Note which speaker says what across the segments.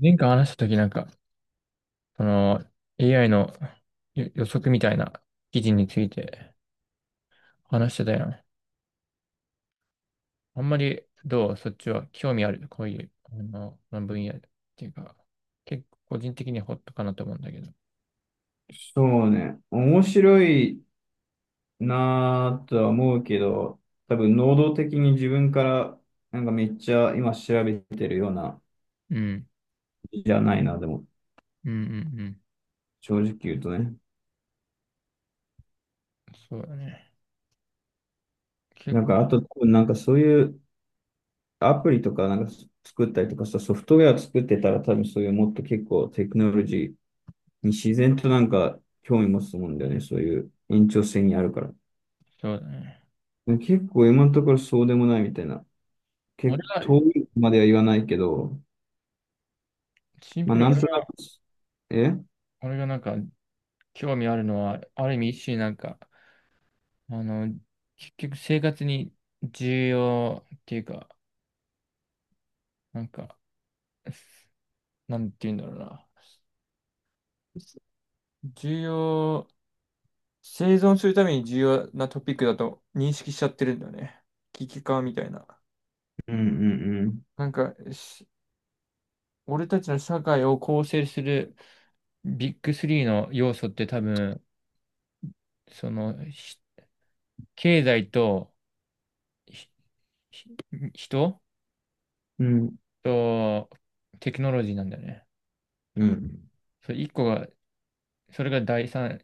Speaker 1: 前回話したときなんか、その AI の予測みたいな記事について話してたやん。あんまりどうそっちは興味あるこういう、この分野っていうか、結構個人的にはホットかなと思うんだけど。
Speaker 2: そうね。面白いなぁとは思うけど、多分能動的に自分から、なんかめっちゃ今調べてるような、
Speaker 1: うん。
Speaker 2: じゃないな、でも、
Speaker 1: うんうんうん。
Speaker 2: 正直言うとね。
Speaker 1: そうだね。結
Speaker 2: なん
Speaker 1: 構
Speaker 2: か、あと多分なんかそういうアプリとかなんか作ったりとかさ、ソフトウェア作ってたら多分そういうもっと結構テクノロジーに自然となんか興味持つと思うんだよね。そういう延長線にあるから。
Speaker 1: そうだね。
Speaker 2: で結構今のところそうでもないみたいな。
Speaker 1: 俺
Speaker 2: 結構
Speaker 1: が、
Speaker 2: 遠いまでは言わないけど、
Speaker 1: シン
Speaker 2: ま
Speaker 1: プ
Speaker 2: あ、
Speaker 1: ルに
Speaker 2: なん
Speaker 1: 俺
Speaker 2: とな
Speaker 1: が、
Speaker 2: く、えうん
Speaker 1: 俺がなんか興味あるのは、ある意味一種なんか、あの、結局生活に重要っていうか、なんか、なんて言うんだろうな。重要、生存するために重要なトピックだと認識しちゃってるんだよね。危機感みたいな。
Speaker 2: うん
Speaker 1: なんか、俺たちの社会を構成するビッグスリーの要素って多分、その、ひ経済と、ひひ人
Speaker 2: うん。うん。
Speaker 1: とテクノロジーなんだよね。
Speaker 2: うん
Speaker 1: それ一個が、それが第三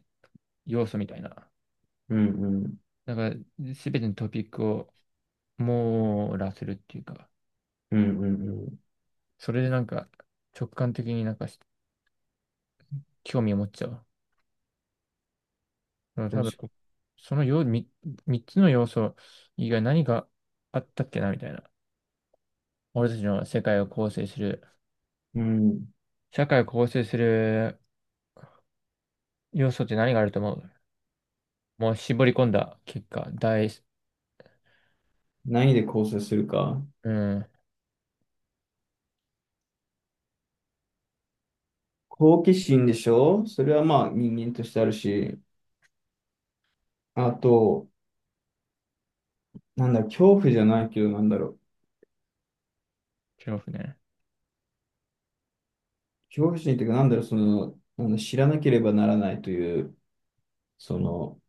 Speaker 1: 要素みたいな。
Speaker 2: うんうん
Speaker 1: だから、すべてのトピックを網羅するっていうか。
Speaker 2: うんうんうん。
Speaker 1: それでなんか直感的になんか興味を持っちゃう。うん多分、
Speaker 2: 確か
Speaker 1: そのよ、み三つの要素以外何があったっけなみたいな。俺たちの世界を構成する、
Speaker 2: に。うん。
Speaker 1: 社会を構成する要素って何があると思う？もう絞り込んだ結果、
Speaker 2: 何で構成するか。
Speaker 1: うん、
Speaker 2: 好奇心でしょそれはまあ人間としてあるし。あと、なんだ、恐怖じゃないけど、なんだろう。
Speaker 1: 恐怖ね。
Speaker 2: 恐怖心っていうか、なんだろう、その、なんだ、知らなければならないという、その、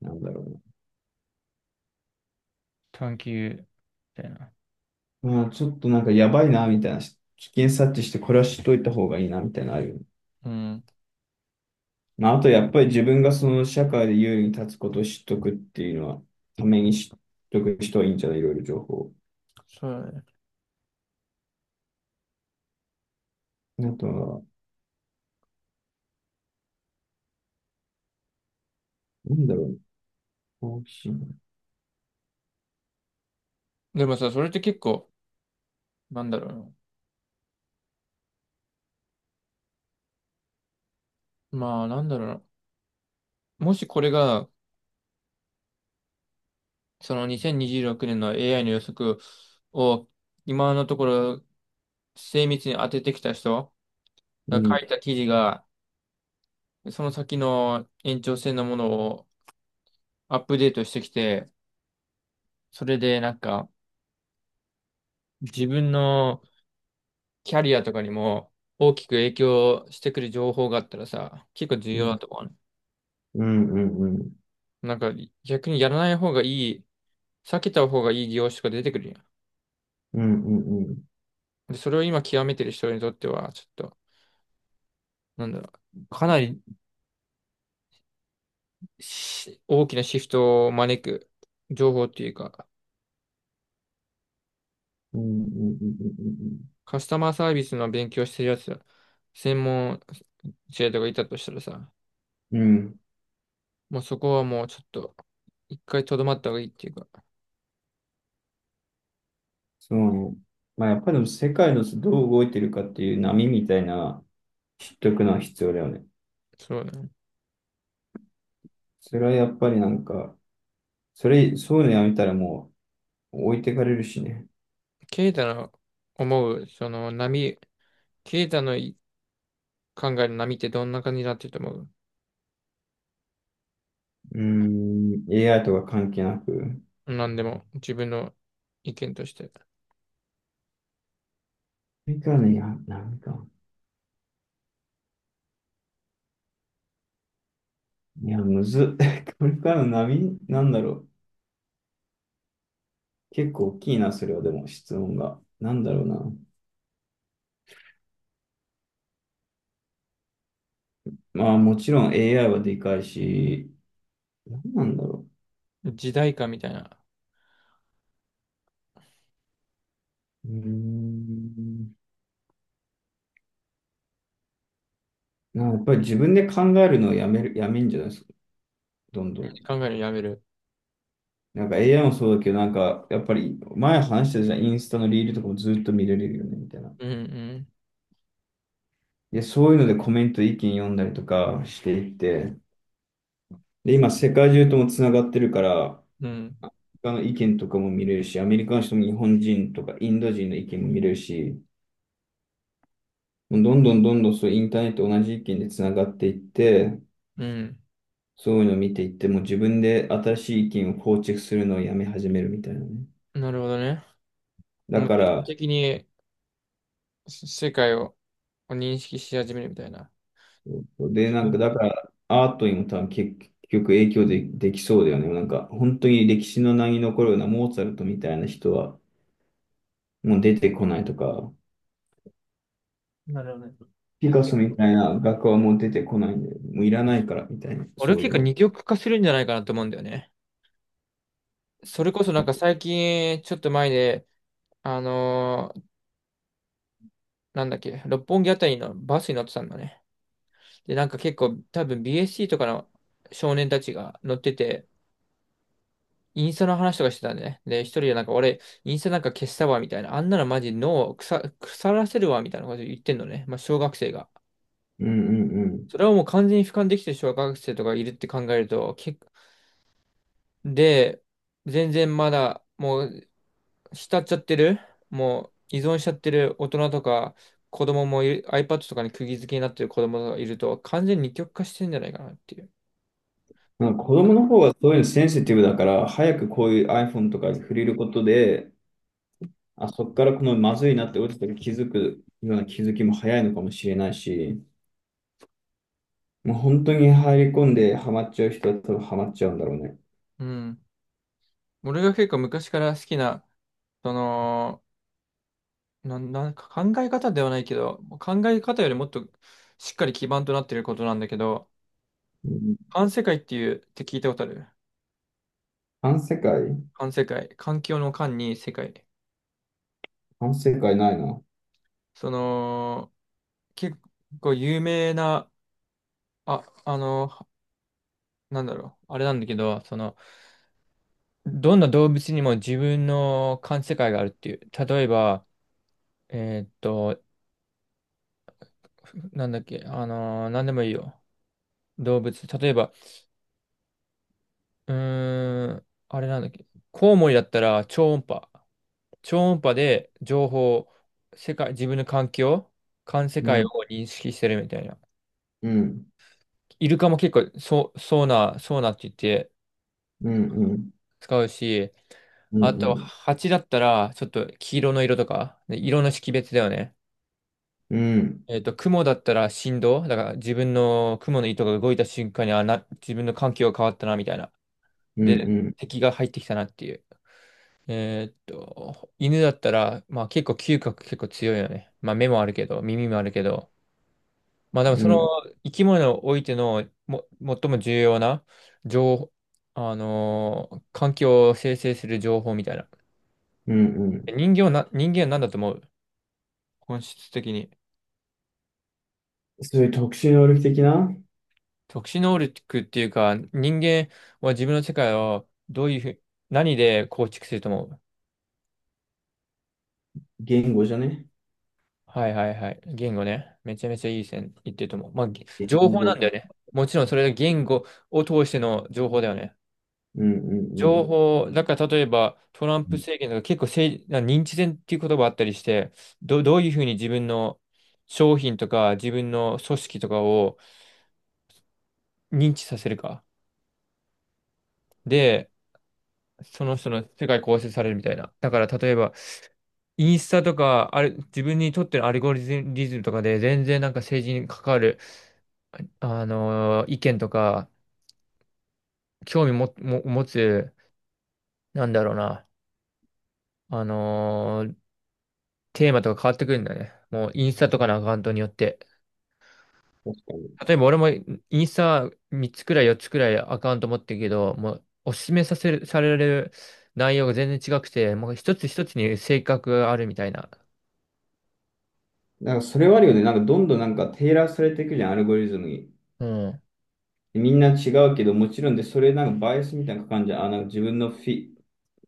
Speaker 2: なんだろ
Speaker 1: 探求、みたいな。
Speaker 2: うな。まあ、ちょっとなんかやばいな、みたいな。危険察知して、これは知っといた方がいいな、みたいなのあるよね。
Speaker 1: うん、
Speaker 2: まあ、あとやっぱり自分がその社会で優位に立つことを知っとくっていうのは、ために知っとく人はいいんじゃないいろいろ情報。
Speaker 1: そうだね。
Speaker 2: あとは、なんだろうね。好奇
Speaker 1: でもさ、それって結構、なんだろうな。まあ、なんだろうな。もしこれが、その2026年の AI の予測を今のところ精密に当ててきた人
Speaker 2: う
Speaker 1: が書
Speaker 2: ん、
Speaker 1: いた記事が、その先の延長線のものをアップデートしてきて、それでなんか自分のキャリアとかにも大きく影響してくる情報があったらさ、結構重
Speaker 2: う
Speaker 1: 要だ
Speaker 2: ん、
Speaker 1: と思うね。
Speaker 2: うん、うん、うん、
Speaker 1: なんか逆にやらない方がいい、避けた方がいい業種が出てくるやん。
Speaker 2: うん、うん、うん、
Speaker 1: で、それを今極めてる人にとっては、ちょっと、なんだろう、かなり大きなシフトを招く情報っていうか、
Speaker 2: うん、うん、
Speaker 1: カスタマーサービスの勉強してるやつ、専門生徒がいたとしたらさ、
Speaker 2: うん、うん、うん、
Speaker 1: もうそこはもうちょっと、一回とどまった方がいいっていうか、
Speaker 2: そうね。まあ、やっぱりでも世界のどう動いてるかっていう波みたいな、知っとくのは必要だよね。
Speaker 1: そうだね。
Speaker 2: それはやっぱりなんか、そういうのやめたらもう置いてかれるしね。
Speaker 1: ケイタの思う、その波、ケイタのい考える波ってどんな感じになってると思
Speaker 2: うーん、AI とか関係なく。
Speaker 1: う？なんでも、自分の意見として。
Speaker 2: これからの、いや、波か。いや、むずっ。これからの波、なんだろう。結構大きいな、それは、でも、質問が。なんだろうな。まあ、もちろん AI はでかいし、なんなんだろ
Speaker 1: 時代感みたいな。
Speaker 2: う。うーん。なんかやっぱり自分で考えるのをやめる、やめんじゃないですか、どんどん。
Speaker 1: 考えるのやめる。
Speaker 2: なんか AI もそうだけど、なんか、やっぱり、前話してたじゃん、インスタのリールとかもずっと見られるよね、みたいな。
Speaker 1: うん
Speaker 2: で、そういうのでコメント、意見読んだりとかしていって、で、今、世界中ともつながってるから、
Speaker 1: うん。
Speaker 2: 他の意見とかも見れるし、アメリカの人も日本人とかインド人の意見も見れるし、もうどんどんどんどんそうインターネット同じ意見でつながっていって、
Speaker 1: うん
Speaker 2: そういうのを見ていって、もう自分で新しい意見を構築するのをやめ始めるみたいなね。
Speaker 1: うん。なるほどね。
Speaker 2: だ
Speaker 1: もう、
Speaker 2: か
Speaker 1: 自動
Speaker 2: ら、
Speaker 1: 的に世界を認識し始めるみたいな。
Speaker 2: で、
Speaker 1: 自
Speaker 2: なんか、
Speaker 1: 分
Speaker 2: だから、アートにも多分結局影響で、できそうだよね。なんか、本当に歴史の名に残るようなモーツァルトみたいな人はもう出てこないとか、
Speaker 1: なるほどね。い
Speaker 2: ピ
Speaker 1: や、
Speaker 2: カソ
Speaker 1: 結
Speaker 2: み
Speaker 1: 構。
Speaker 2: たいな画家はもう出てこないんで、もういらないからみたいな、
Speaker 1: 俺
Speaker 2: そう
Speaker 1: 結
Speaker 2: いう
Speaker 1: 構
Speaker 2: の。
Speaker 1: 二極化するんじゃないかなと思うんだよね。それこそなんか最近、ちょっと前で、あのーなんだっけ、六本木あたりのバスに乗ってたんだね。で、なんか結構多分 BSC とかの少年たちが乗ってて、インスタの話とかしてたんだね。で、一人でなんか俺、インスタなんか消したわ、みたいな。あんなのマジ脳を腐らせるわ、みたいなこと言ってんのね。まあ、小学生が。
Speaker 2: うんうんうん。
Speaker 1: それはもう完全に俯瞰できてる小学生とかいるって考えると、で、全然まだもう浸っちゃってる、もう依存しちゃってる大人とか子供もいる、iPad とかに釘付けになってる子供がいると、完全に二極化してんじゃないかなっていう。
Speaker 2: なんか子供の方がそういうのセンシティブだから、早くこういう iPhone とかに触れることで、あ、そこからこのまずいなって落ちた時気づくような気づきも早いのかもしれないし、もう本当に入り込んでハマっちゃう人は多分ハマっちゃうんだろうね。
Speaker 1: うん。俺が結構昔から好きな、その、なんか考え方ではないけど、考え方よりもっとしっかり基盤となってることなんだけど、
Speaker 2: うん、
Speaker 1: 環世界っていうって聞いたことある？
Speaker 2: 反世界
Speaker 1: 環世界。環境の環に世界。
Speaker 2: 反世界ないな。
Speaker 1: その、結構有名な、あ、あの、なんだろう、あれなんだけど、その、どんな動物にも自分の感世界があるっていう。例えば、えーっと、なんだっけ、なんでもいいよ。動物。例えば、あれなんだっけ、コウモリだったら超音波。超音波で情報、世界、自分の環境、環世
Speaker 2: う
Speaker 1: 界を
Speaker 2: ん、
Speaker 1: 認識してるみたいな。
Speaker 2: うん、
Speaker 1: イルカも結構そう、そうな、そうなって言って、
Speaker 2: うん、うん、
Speaker 1: 使うし、
Speaker 2: う
Speaker 1: あと、
Speaker 2: ん、
Speaker 1: 蜂だったら、ちょっと黄色の色とか、で色の識別だよね。
Speaker 2: うん、うん、
Speaker 1: 雲だったら振動、だから自分の雲の糸が動いた瞬間に、自分の環境が変わったな、みたいな。
Speaker 2: う
Speaker 1: で、
Speaker 2: ん、
Speaker 1: 敵が入ってきたなっていう。犬だったら、まあ結構嗅覚結構強いよね。まあ目もあるけど、耳もあるけど、まあでも
Speaker 2: う
Speaker 1: その
Speaker 2: ん、
Speaker 1: 生き物においてのも最も重要な情報、環境を生成する情報みたいな。
Speaker 2: うん、うん。
Speaker 1: 人間は何だと思う？本質的に。
Speaker 2: そういう特殊能力的な
Speaker 1: 特殊能力っていうか、人間は自分の世界をどういうふう、何で構築すると思う？
Speaker 2: 言語じゃね
Speaker 1: はいはいはい。言語ね。めちゃめちゃいい線いってると思う。まあ、
Speaker 2: 言
Speaker 1: 情報なん
Speaker 2: 語。
Speaker 1: だよね。もちろんそれが言語を通しての情報だよね。
Speaker 2: うん、う
Speaker 1: 情
Speaker 2: ん、
Speaker 1: 報、だから例えばトラン
Speaker 2: う
Speaker 1: プ
Speaker 2: ん。
Speaker 1: 政権とか結構政治、認知戦っていう言葉あったりして、どういうふうに自分の商品とか自分の組織とかを認知させるか。で、その人の世界構成されるみたいな。だから例えば、インスタとか、あれ、自分にとってのアルゴリズムとかで、全然なんか政治に関わる、意見とか、興味も、持つ、なんだろうな、あのーテーマとか変わってくるんだね。もうインスタとかのアカウントによって。
Speaker 2: 確かに。
Speaker 1: 例えば俺もインスタ3つくらい4つくらいアカウント持ってるけど、もうおすすめさせる、される内容が全然違くて、もう一つ一つに性格があるみたいな。
Speaker 2: なんかそれはあるよね。なんかどんどんなんかテーラーされていくじゃん、アルゴリズムに。
Speaker 1: うん。
Speaker 2: みんな違うけど、もちろんで、それなんかバイアスみたいな感じゃん。あ、なんか自分のフィ、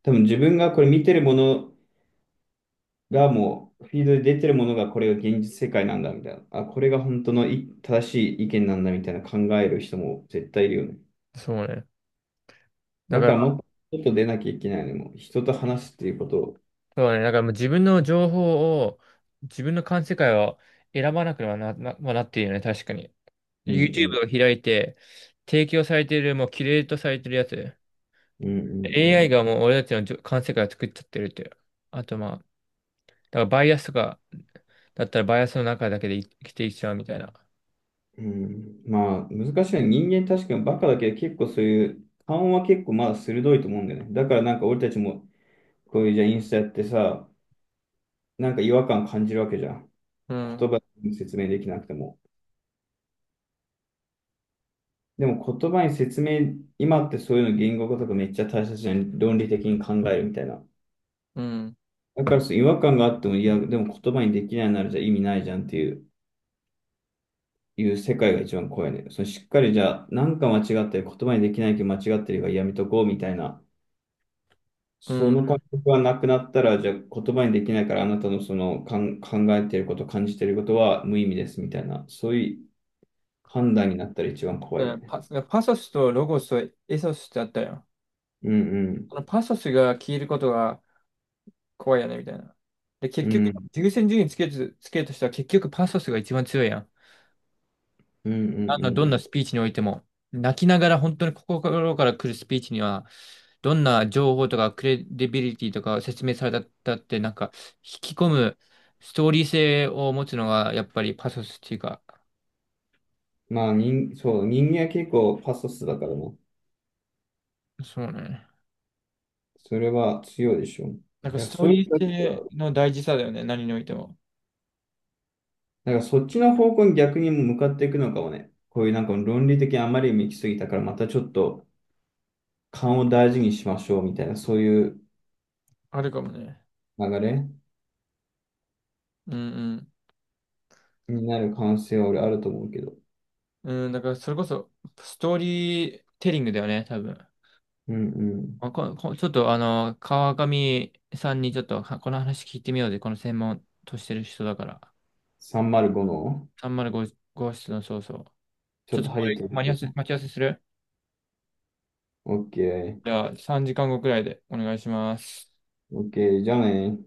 Speaker 2: 多分自分がこれ見てるものがもう、フィードで出てるものがこれが現実世界なんだみたいな。あ、これが本当のい正しい意見なんだみたいな考える人も絶対いるよね。
Speaker 1: そうね。だ
Speaker 2: だ
Speaker 1: か
Speaker 2: から
Speaker 1: ら
Speaker 2: もっと外出なきゃいけないのもう人と話すっていうことを。
Speaker 1: そうだね。だからもう自分の情報を、自分の感世界を選ばなくはな、まあなっているよね。確かに。
Speaker 2: うん
Speaker 1: YouTube
Speaker 2: うん。
Speaker 1: を開いて、提供されている、もうキュレートされてるやつ。
Speaker 2: うんうんう
Speaker 1: AI
Speaker 2: ん。
Speaker 1: がもう俺たちの感世界を作っちゃってるっていう。あとまあ、だからバイアスとか、だったらバイアスの中だけで生きていっちゃうみたいな。
Speaker 2: うん、まあ、難しいね。人間確かにバカだけど、結構そういう、勘は結構まだ鋭いと思うんだよね。だからなんか俺たちも、こういうじゃあインスタやってさ、なんか違和感感じるわけじゃん。
Speaker 1: う
Speaker 2: 言
Speaker 1: ん、
Speaker 2: 葉に説明できなくても。でも言葉に説明、今ってそういうの言語化とかめっちゃ大切じゃん。論理的に考えるみたいな。
Speaker 1: うん、
Speaker 2: だからそう違和感があっても、いや、でも言葉にできないならじゃあ意味ないじゃんっていう、いう世界が一番怖いね。そのしっかりじゃあ、なんか間違ってる、言葉にできないけど間違ってるがやめとこうみたいな。
Speaker 1: う
Speaker 2: そ
Speaker 1: ん。
Speaker 2: の感
Speaker 1: だ
Speaker 2: 覚がなくなったら、じゃあ言葉にできないからあなたのそのかん考えていること、感じていることは無意味ですみたいな、そういう判断になったら一番怖
Speaker 1: か
Speaker 2: いよ
Speaker 1: ら
Speaker 2: ね。
Speaker 1: パソスとロゴスとエソスってあったよ。
Speaker 2: うんうん。
Speaker 1: このパソスが消えることが怖いよね、みたいな。で、結
Speaker 2: う
Speaker 1: 局、
Speaker 2: ん
Speaker 1: 優先順位つけるとしたら結局パソスが一番強いやん。
Speaker 2: うんうんう
Speaker 1: どんな
Speaker 2: ん。
Speaker 1: スピーチにおいても、泣きながら本当に心から来るスピーチには、どんな情報とかクレディビリティとか説明されたって、なんか、引き込むストーリー性を持つのが、やっぱりパソスっていうか、
Speaker 2: まあ人、そう、人間は結構パソスだからね。
Speaker 1: そうね。
Speaker 2: それは強いでしょ。だか
Speaker 1: なんか
Speaker 2: ら
Speaker 1: ストー
Speaker 2: そういう
Speaker 1: リー
Speaker 2: 人たち
Speaker 1: 性
Speaker 2: は、
Speaker 1: の大事さだよね、何においても。
Speaker 2: なんかそっちの方向に逆に向かっていくのかもね。こういうなんか論理的にあまりに行き過ぎたから、またちょっと勘を大事にしましょうみたいな、そういう
Speaker 1: あるかもね。
Speaker 2: 流れ。
Speaker 1: うん
Speaker 2: になる可能性は俺あると思うけど。
Speaker 1: うん。うん、だからそれこそ、ストーリーテリングだよね、多分。
Speaker 2: うんうん。
Speaker 1: ここちょっと川上さんにちょっとはこの話聞いてみようぜ。この専門としてる人だから。
Speaker 2: 305の
Speaker 1: 305号室のそうそう。
Speaker 2: ち
Speaker 1: ち
Speaker 2: ょ
Speaker 1: ょ
Speaker 2: っ
Speaker 1: っ
Speaker 2: と
Speaker 1: と
Speaker 2: ハ
Speaker 1: こ
Speaker 2: ゲ
Speaker 1: れ、
Speaker 2: てる人。
Speaker 1: 待ち合わせする。
Speaker 2: オッケ
Speaker 1: じ
Speaker 2: ー。
Speaker 1: ゃあ3時間後くらいでお願いします。
Speaker 2: オッケー。じゃあね。